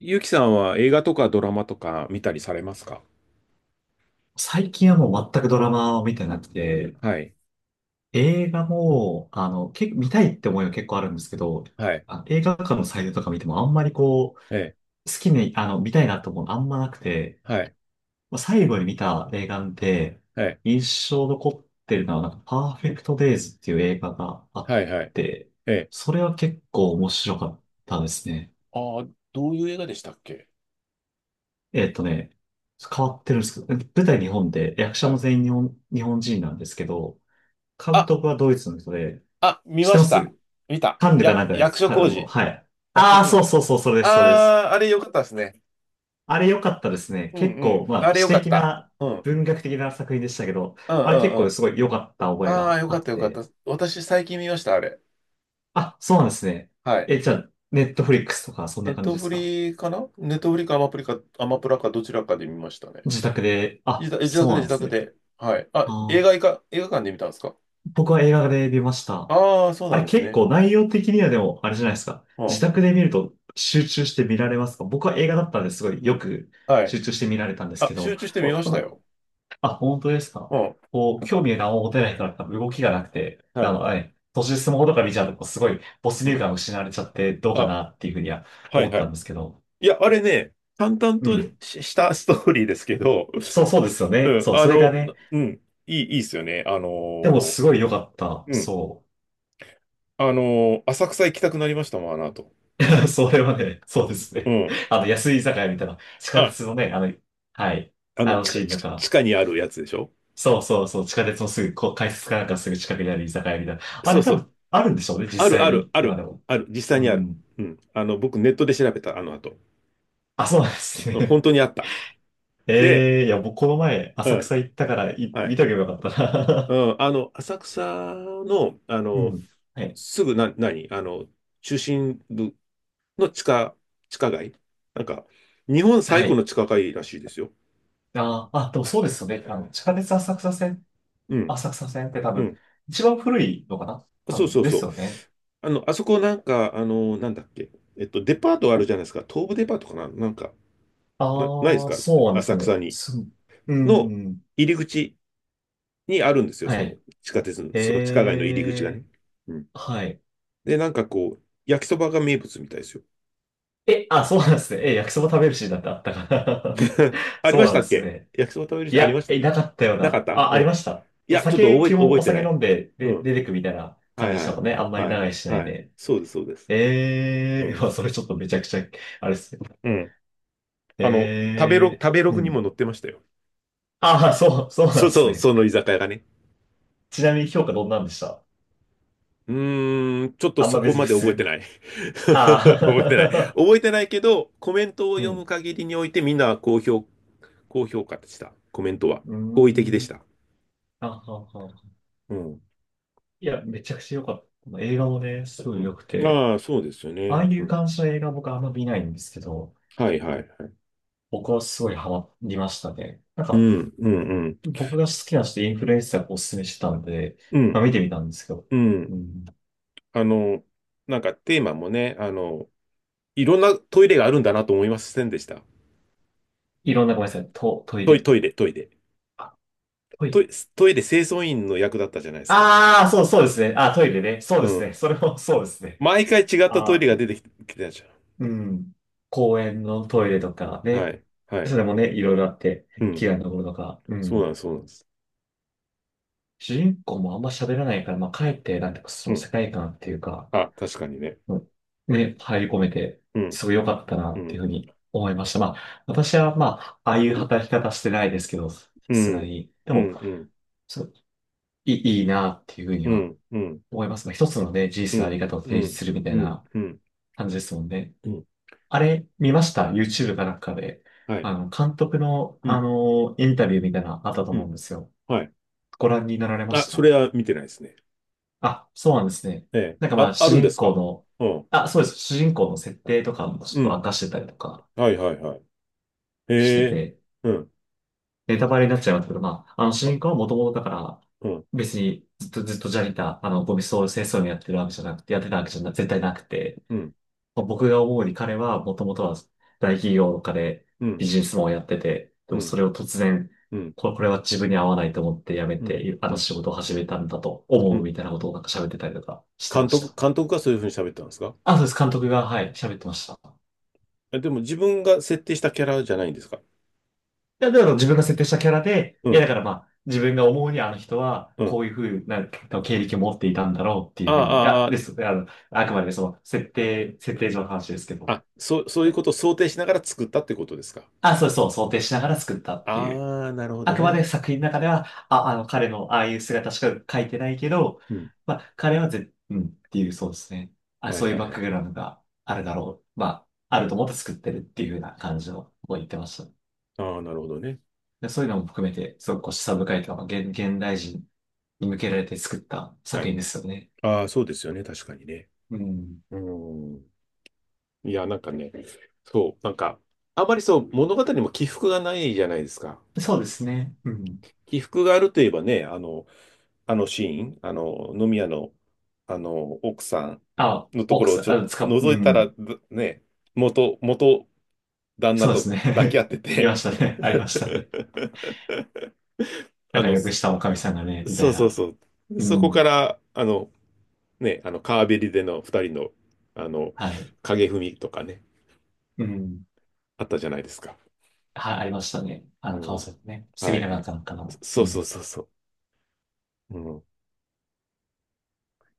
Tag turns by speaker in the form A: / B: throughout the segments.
A: ゆうきさんは映画とかドラマとか見たりされますか？
B: 最近はもう全くドラマを見てなくて、
A: はい。
B: 映画も、見たいって思いは結構あるんですけど、
A: はい。
B: あ、映画館のサイトとか見てもあんまりこう、
A: ええ。
B: 好きに、見たいなと思うのあんまなくて、
A: はい。
B: まあ最後に見た映画で、
A: はい。
B: 印象残ってるのは、なんか、パーフェクトデイズっていう映画があ
A: は
B: っ
A: い。はい。
B: て、
A: ええ。
B: それは結構面白かったですね。
A: ああ、どういう映画でしたっけ？
B: えっとね、変わってるんですけど、舞台日本で、役者
A: は
B: も
A: い。
B: 全員日本人なんですけど、監
A: あ、
B: 督はドイツの人で、
A: あ、見
B: 知って
A: ま
B: ま
A: した。
B: す？
A: 見た。
B: カンヌか
A: や、
B: なんかで
A: 役
B: す。
A: 所広司。
B: はい。
A: 役所
B: ああ、
A: 広
B: そう
A: 司。
B: そうそう、それです、それです。
A: ああ、あれよかったですね。
B: あれ良かったですね。
A: うん
B: 結
A: うん。
B: 構、ま
A: あ
B: あ、
A: れ
B: 詩
A: よかっ
B: 的
A: た。
B: な、
A: うん。
B: 文学的な作品でしたけど、
A: うんう
B: あれ結
A: んう
B: 構
A: ん。
B: すごい良かった覚え
A: ああ、
B: が
A: よ
B: あ
A: かっ
B: っ
A: たよかった。
B: て。
A: 私最近見ました、あれ。
B: あ、そうなんですね。
A: はい。
B: え、じゃあ、ネットフリックスとか、そん
A: ネ
B: な
A: ッ
B: 感
A: ト
B: じで
A: フ
B: すか？
A: リかな、ネットフリかアマプリか、アマプラかどちらかで見ましたね。
B: 自宅で、
A: 自
B: あ、
A: 宅、自宅
B: そう
A: で、
B: なん
A: 自
B: です
A: 宅
B: ね。
A: で。はい。あ、
B: あー
A: 映画館で見たんですか？
B: 僕は映画で見ました。
A: ああー、そう
B: あ
A: なん
B: れ
A: です
B: 結
A: ね。
B: 構内容的にはでも、あれじゃないですか。
A: う
B: 自
A: ん。
B: 宅で見ると集中して見られますか？僕は映画だったんですごいよく
A: はい。
B: 集中して見られたんです
A: あ、
B: け
A: 集
B: ど、
A: 中して見
B: こ
A: ま
B: う
A: した
B: ま
A: よ。
B: あ、本当です
A: う
B: か？
A: ん。
B: こう、興味が何も持てない人だったら動きがなくて、
A: はい。
B: ええ途中でスマホとか見ちゃうと、こうすごい没
A: う
B: 入
A: ん。
B: 感を失われちゃってどうか
A: あ、
B: なっていうふうには
A: はい
B: 思っ
A: は
B: た
A: い。
B: んですけど。
A: いや、あれね、淡々
B: う
A: と
B: ん。
A: し、したストーリーですけど、
B: そうそうですよ
A: う
B: ね。
A: ん、
B: そう、それがね、
A: いいっすよね。
B: でもすごい良かった。
A: うん、
B: そう。
A: あの浅草行きたくなりましたもん、あの後。
B: それはね、そうです
A: う
B: ね。
A: ん。
B: あの、安い居酒屋みたいな、地下
A: あ、
B: 鉄のね、はい、あのシーンと
A: 地
B: か、
A: 下にあるやつでしょ？
B: そうそうそう、地下鉄のすぐ、こう、改札かなんかすぐ近くにある居酒屋みたいな。あ
A: そう
B: れ多
A: そう。
B: 分、あるんでしょうね、実
A: ある、
B: 際
A: ある、
B: に、
A: あ
B: 今で
A: る、
B: も。
A: ある。実際
B: う
A: にある。
B: ん。
A: うん。あの、僕ネットで調べた、あの後。
B: あ、そうなんです
A: うん、
B: ね。
A: 本当にあった。で、
B: ええいや、僕この前、
A: う
B: 浅
A: ん、
B: 草行ったから、
A: は
B: 見
A: い。
B: とけばよかった
A: う
B: な。
A: ん、あの、浅草の、あ
B: う
A: の、
B: ん。はい。
A: すぐな、何あの、中心部の地下街なんか、日本最
B: は
A: 古
B: い。
A: の地下街らしいですよ。
B: あー、あ、でもそうですよね。あの、地下鉄浅草線、
A: うん、
B: 浅草線って多
A: う
B: 分、
A: ん。
B: 一番古いのかな多
A: そう
B: 分、
A: そう
B: で
A: そ
B: す
A: う。
B: よね。
A: あの、あそこなんか、あの、なんだっけ。デパートあるじゃないですか。東武デパートかななんか、ないです
B: ああ、
A: か、
B: そうなんですか
A: 浅
B: ね。
A: 草に。
B: う
A: の
B: ん。
A: 入り口にあるんですよ。そ
B: は
A: の
B: い。
A: 地下鉄の、その地下街の
B: え
A: 入り口が
B: え、
A: ね。うん。
B: はい。
A: で、なんかこう、焼きそばが名物みたいですよ。
B: え、あ、そうなんですね。え、焼きそば食べるシーンなんてあったかな？
A: あり
B: そ
A: ま
B: う
A: し
B: な
A: た
B: んで
A: っ
B: す
A: け
B: ね。
A: 焼きそば食べる
B: い
A: し、ありま
B: や、
A: した？
B: なかったよう
A: なかっ
B: な。
A: た、
B: あ、
A: う
B: ありま
A: ん。
B: した。
A: いや、ちょっと覚え、
B: 基本
A: 覚
B: お
A: えて
B: 酒
A: な
B: 飲
A: い。
B: んで、
A: う
B: で、
A: ん。
B: 出てくみたいな感
A: は
B: じ
A: い
B: でし
A: は
B: た
A: い。
B: もんね。あんまり
A: はい。
B: 長いしない
A: はい。
B: で。
A: そうです、そうです。う
B: ええ、
A: ん。
B: まあ、それちょっとめちゃくちゃ、あれですね。
A: うん。あの、
B: ええ、
A: 食べロ
B: う
A: グにも
B: ん。
A: 載ってましたよ。
B: ああ、そう、そうなん
A: そ
B: で
A: う
B: す
A: そう、
B: ね。
A: その居酒屋がね。
B: ちなみに評価どんなんでした？
A: うーん、ちょっと
B: あん
A: そ
B: ま
A: こ
B: 別に
A: ま
B: 普
A: で覚えて
B: 通。
A: ない。覚えてない。
B: ああ、
A: 覚えてないけど、コメント を
B: う
A: 読む
B: ん。
A: 限りにおいてみんなは高評価でした。コメントは。
B: うー
A: 好意的でし
B: ん。
A: た。
B: あはは。
A: うん。
B: いや、めちゃくちゃ良かった。この映画もね、すご
A: う
B: い
A: ん。
B: 良くて、
A: ああ、そうですよ
B: ああ
A: ね。
B: い
A: う
B: う
A: ん。
B: 感じの映画僕あんま見ないんですけど、
A: はいはいはい。
B: 僕はすごいハマりましたね。なん
A: う
B: か、
A: ん、うん、うん。
B: 僕が好きな人、インフルエンサーがおすすめしてたんで、
A: う
B: まあ、
A: ん、
B: 見てみたんですけど、
A: う
B: う
A: ん。
B: ん。
A: あの、なんかテーマもね、あの、いろんなトイレがあるんだなと思いませんでした？
B: いろんな、ごめんなさい、トイレ？
A: トイレ。
B: あ、トイ
A: ト
B: レ？
A: イ、トイレ清掃員の役だったじゃないですか。
B: ああー、そう、そうですね。あ、トイレね。そう
A: う
B: です
A: ん。
B: ね。それもそうですね。
A: 毎回違ったトイ
B: あ
A: レ
B: あ、
A: が出てききてたじ
B: うん。公園のトイレとか
A: ゃん。は
B: ね、
A: い、は
B: そ
A: い。
B: れもね、いろいろあって、
A: うん。
B: 嫌いなところとか、う
A: そうなんで
B: ん。
A: す、そうなんです。
B: 主人公もあんま喋らないから、まあ、かえって、なんていうか、そ
A: う
B: の
A: ん。
B: 世界観っていうか、
A: あ、確かにね。
B: うんね、入り込めて、
A: うん、
B: すごい良かったな、
A: う
B: っていう
A: ん、
B: ふうに思いました。まあ、私は、まあ、ああいう働き方してないですけど、さ
A: う
B: す
A: ん、
B: がに。で
A: う
B: も、
A: ん、うん、
B: そういいな、っていうふうに
A: う
B: は
A: ん、うん、
B: 思います。まあ、一つのね、人
A: う
B: 生のあ
A: ん、
B: り方を
A: う
B: 提示
A: ん、
B: するみた
A: う
B: い
A: ん、
B: な
A: うん、
B: 感じですもんね。
A: うん、
B: あれ、見ました ?YouTube かなんかで。
A: はい。
B: 監督の、
A: う
B: あ
A: ん、
B: の、インタビューみたいなのあったと
A: う
B: 思うん
A: ん、
B: ですよ。
A: はい。
B: ご覧になられま
A: あ、
B: し
A: それ
B: た？
A: は見てないですね。
B: あ、そうなんですね。
A: ええ。
B: なんかま
A: あ、
B: あ、
A: あ
B: 主
A: るんで
B: 人
A: す
B: 公
A: か？
B: の、
A: うん。
B: あ、そうです。主人公の設定とかもちょっ
A: う
B: と
A: ん。
B: 明かしてたりとか
A: はいはいはい。
B: して
A: へえ。
B: て、
A: うん。
B: ネタバレになっちゃいますけど、まあ、あの主
A: あ、
B: 人公はもともとだから、
A: うん。
B: 別にずっとジャニター、あの、ゴミ掃除清掃にやってるわけじゃなくて、やってたわけじゃな、絶対なくて、
A: うん。
B: まあ僕が思うに彼はもともとは大企業とかで
A: う
B: ビ
A: ん。
B: ジネスマンをやってて、で
A: う
B: も
A: ん。
B: それを突然、
A: うん。
B: これは自分に合わないと思って辞め
A: うん。
B: て、あ
A: う
B: の
A: ん。
B: 仕事を始めたんだと
A: う
B: 思う
A: ん。
B: みたいなことをなんか喋ってたりとかしてました。
A: 監督がそういうふうに喋ったんですか？
B: あ、そうです。監督が、はい、喋ってました。い
A: え、でも自分が設定したキャラじゃないんですか？
B: やだから自分が設定したキャラで、
A: う
B: いや、だ
A: ん。
B: からまあ、自分が思うにあの人は、
A: う
B: こ
A: ん。
B: ういうふうな経歴を持っていたんだろうってい
A: あ
B: うふうに、い
A: あ、
B: や、です。あの、あくまでねその、設定上の話ですけど。
A: そう
B: い
A: いう
B: や
A: ことを想定しながら作ったってことですか？
B: あ、そうそう、想定しながら作ったっていう。
A: ああ、なるほ
B: あ
A: ど
B: くまで
A: ね。
B: 作品の中では、彼のああいう姿しか描いてないけど、
A: うん。
B: まあ、彼はうんっていう、そうですね。あ、
A: は
B: そ
A: い
B: ういう
A: はい
B: バッ
A: は
B: ク
A: い。
B: グラウンドがあるだろう。まあ、あると思って作ってるっていうような感じのことを言ってました。
A: ああ、なるほどね。
B: でそういうのも含めて、すごくこう示唆深いというか、現代人に向けられて作った
A: は
B: 作
A: い。
B: 品ですよね。
A: ああ、そうですよね。確かにね。
B: うん。
A: うん。いや、なんかね、そう、なんか、あまりそう、物語にも起伏がないじゃないですか。
B: そうですね。うん。
A: 起伏があるといえばね、あの、あのシーン、あの、飲み屋の、あの、奥さん
B: あ、
A: のと
B: オー
A: こ
B: ク
A: ろを
B: ス、
A: ちょっ
B: あ、
A: と
B: つか、う
A: 覗いたら、
B: ん。
A: ぶね、元旦那
B: そうです
A: と抱き合
B: ね。
A: って
B: いま
A: て。
B: したね。ありましたね。な
A: あ
B: んか
A: の、
B: よく
A: そ、
B: したおかみさんがね、みた
A: そ
B: い
A: うそう
B: な。
A: そう。
B: う
A: そこか
B: ん。
A: ら、あの、ね、あの、川べりでの二人の、あの、
B: はい。
A: 影踏みとかね、
B: うん。
A: あったじゃないですか。
B: はい、ありましたね。あ
A: う
B: の、川
A: ん。
B: 崎ね。セ
A: は
B: ミ
A: い
B: ナーだ
A: は
B: っ
A: い。
B: たのかな。う
A: そ、そう
B: ん。
A: そうそうそう。うん。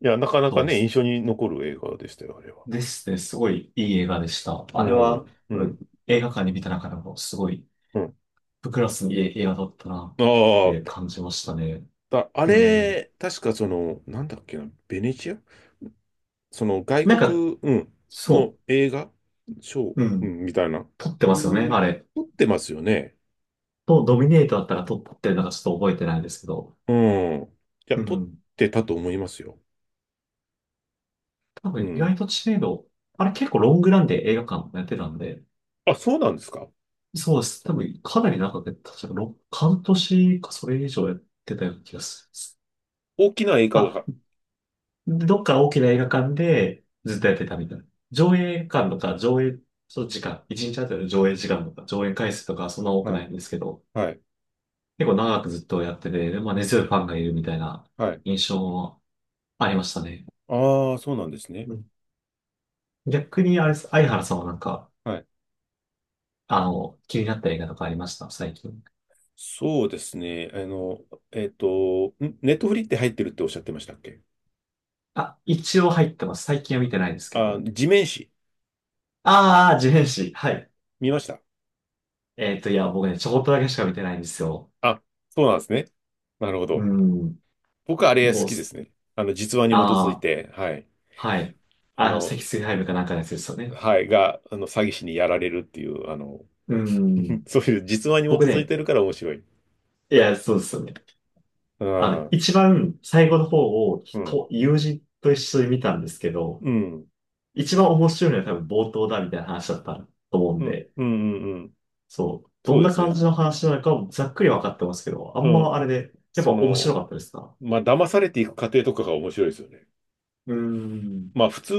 A: いや、なかなか
B: そうで
A: ね、印
B: す。
A: 象に残る映画でしたよ、あれは。
B: ですね。すごいいい映画でした。
A: う
B: あれは、
A: ん。う
B: 多分
A: ん。
B: 映画館に見た中でも、すごい、
A: うん。
B: ブクラスにいい映画だったな
A: あ
B: って
A: あ、
B: 感じましたね。
A: だ、あ
B: うん。
A: れ、確かその、なんだっけな、ベネチア、その外
B: なんか、
A: 国、うん、の
B: そ
A: 映画賞、
B: う。う
A: う
B: ん。
A: ん、みたいな。
B: 撮ってますよね、あれ。
A: 撮ってますよね。
B: ドミネートだったら撮ってるのかちょっと覚えてないですけど。
A: うん。いや、
B: う
A: 撮っ
B: ん。
A: てたと思いますよ。
B: 多
A: う
B: 分意外
A: ん。
B: と知名度、あれ結構ロングランで映画館やってたんで、
A: あ、そうなんですか？
B: そうです。多分かなり長く、確か半年かそれ以上やってたような気がする。
A: 大きな映画
B: ま
A: が。
B: あ、どっか大きな映画館でずっとやってたみたいな。上映館とかその時間、1日あたりの上映時間とか上映回数とかそんな多く
A: は
B: な
A: い。
B: いんですけど、
A: はい。
B: 結構長くずっとやってて、でまあ、根強いファンがいるみたいな
A: はい。
B: 印象もありましたね。
A: ああ、そうなんですね。
B: うん。逆にあれです、相原さんはなんか、
A: はい。
B: 気になった映画とかありました最近？
A: そうですね。あの、えっと、んネットフリって入ってるっておっしゃってましたっけ？
B: あ、一応入ってます。最近は見てないですけ
A: あ、
B: ど。
A: 地面師、
B: ああ、自変誌。はい。
A: 見ました？
B: いや、僕ね、ちょこっとだけしか見てないんですよ。
A: あ、そうなんですね。なるほ
B: う
A: ど。
B: ん。
A: 僕はあれ好
B: ボ
A: きで
B: ス。
A: すね。あの、実話に基
B: あ
A: づい
B: あ、
A: て、はい。
B: はい。
A: あ
B: あの、
A: の、
B: 積水ハイブかなんかのやつですよね。
A: はい、が、あの、詐欺師にやられるっていう、あの、
B: う ん。
A: そういう実話に基
B: 僕
A: づい
B: ね、
A: てるから面白い。
B: いや、そうですよね。
A: う
B: あ
A: ん、う
B: の、
A: ん、
B: 一番最後の方を
A: うん、
B: と友人と一緒に見たんですけど、
A: うん、
B: 一番面白いのは多分冒頭だみたいな話だったと思うん
A: うん、
B: で、
A: うん。うん、
B: そう、ど
A: そう
B: ん
A: で
B: な
A: す
B: 感
A: ね。
B: じの話なのかもざっくり分かってますけど、あ
A: う
B: ん
A: ん。
B: まあれで、やっぱ
A: そ
B: 面
A: の、
B: 白かったですか？
A: まあ、騙されていく過程とかが面白いですよね。
B: うーん。
A: まあ普通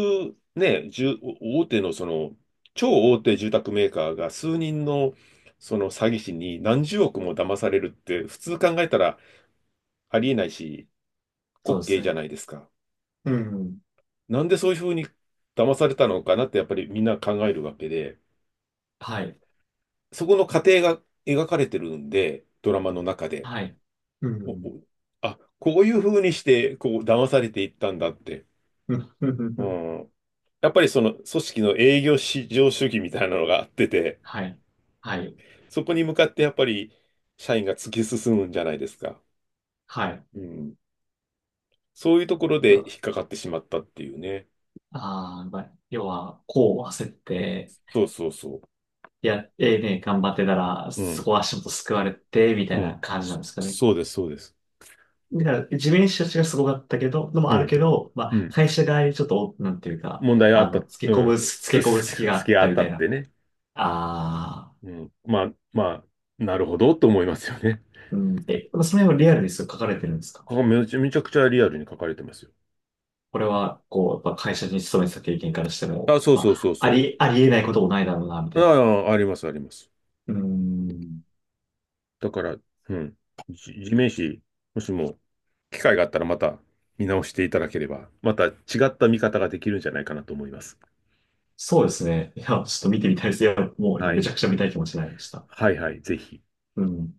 A: ね、住大手のその、超大手住宅メーカーが数人のその詐欺師に何十億も騙されるって普通考えたらありえないし、
B: そ
A: 滑
B: うです
A: 稽じゃ
B: ね。
A: ないですか。
B: うん。
A: なんでそういうふうに騙されたのかなってやっぱりみんな考えるわけで、
B: はい。
A: そこの過程が描かれてるんで、ドラマの中で。
B: はい。う
A: おお、
B: ん。
A: あ、こういうふうにしてこう騙されていったんだって。
B: うん。うん。
A: う
B: うん。
A: ん。やっぱりその組織の営業至上主義みたいなのがあってて、
B: はい。はい。
A: そこに向かってやっぱり社員が突き進むんじゃないですか。
B: はい。
A: うん。そういうところで引っかかってしまったっていうね。
B: ああ、まあ、要は、こう焦って、
A: そうそうそ
B: いや、ええね、頑張ってたら、
A: う。
B: そ
A: う
B: こは
A: ん。
B: 足元救われて、みた
A: う
B: いな
A: ん。
B: 感じな
A: そ、
B: んですかね。
A: そうです、そうです。
B: だから、地面師たちがすごかったけど、のも
A: う
B: ある
A: ん。
B: けど、ま
A: う
B: あ、
A: ん。
B: 会社側にちょっと、なんていうか、
A: 問題があった。
B: つけ
A: う
B: 込
A: ん。
B: む、つけ
A: 好
B: 込む
A: き、
B: 隙 があ
A: 好き
B: っ
A: があ
B: た
A: っ
B: み
A: た
B: た
A: っ
B: いな。
A: てね。
B: ああ、
A: うん。まあ、まあ、なるほどと思いますよね。
B: うん。え、その辺はリアルにそう書かれてるんですか？
A: ここめちゃめちゃくちゃリアルに書かれてますよ。
B: これは、こう、やっぱ会社に勤めてた経験からしても、
A: あ、そう
B: ま
A: そうそ
B: あ、
A: う
B: あ
A: そ
B: り、ありえないこともないだろうな、み
A: う。
B: たいな。
A: ああ、あります、あります。
B: うーん。
A: だから、うん、地面師、もしも機会があったらまた見直していただければ、また違った見方ができるんじゃないかなと思います。
B: そうですね。いや、ちょっと見てみたいです。いや、もう
A: は
B: め
A: い。
B: ちゃくちゃ見たい気持ちになりました。
A: はいはい、ぜひ。
B: うん。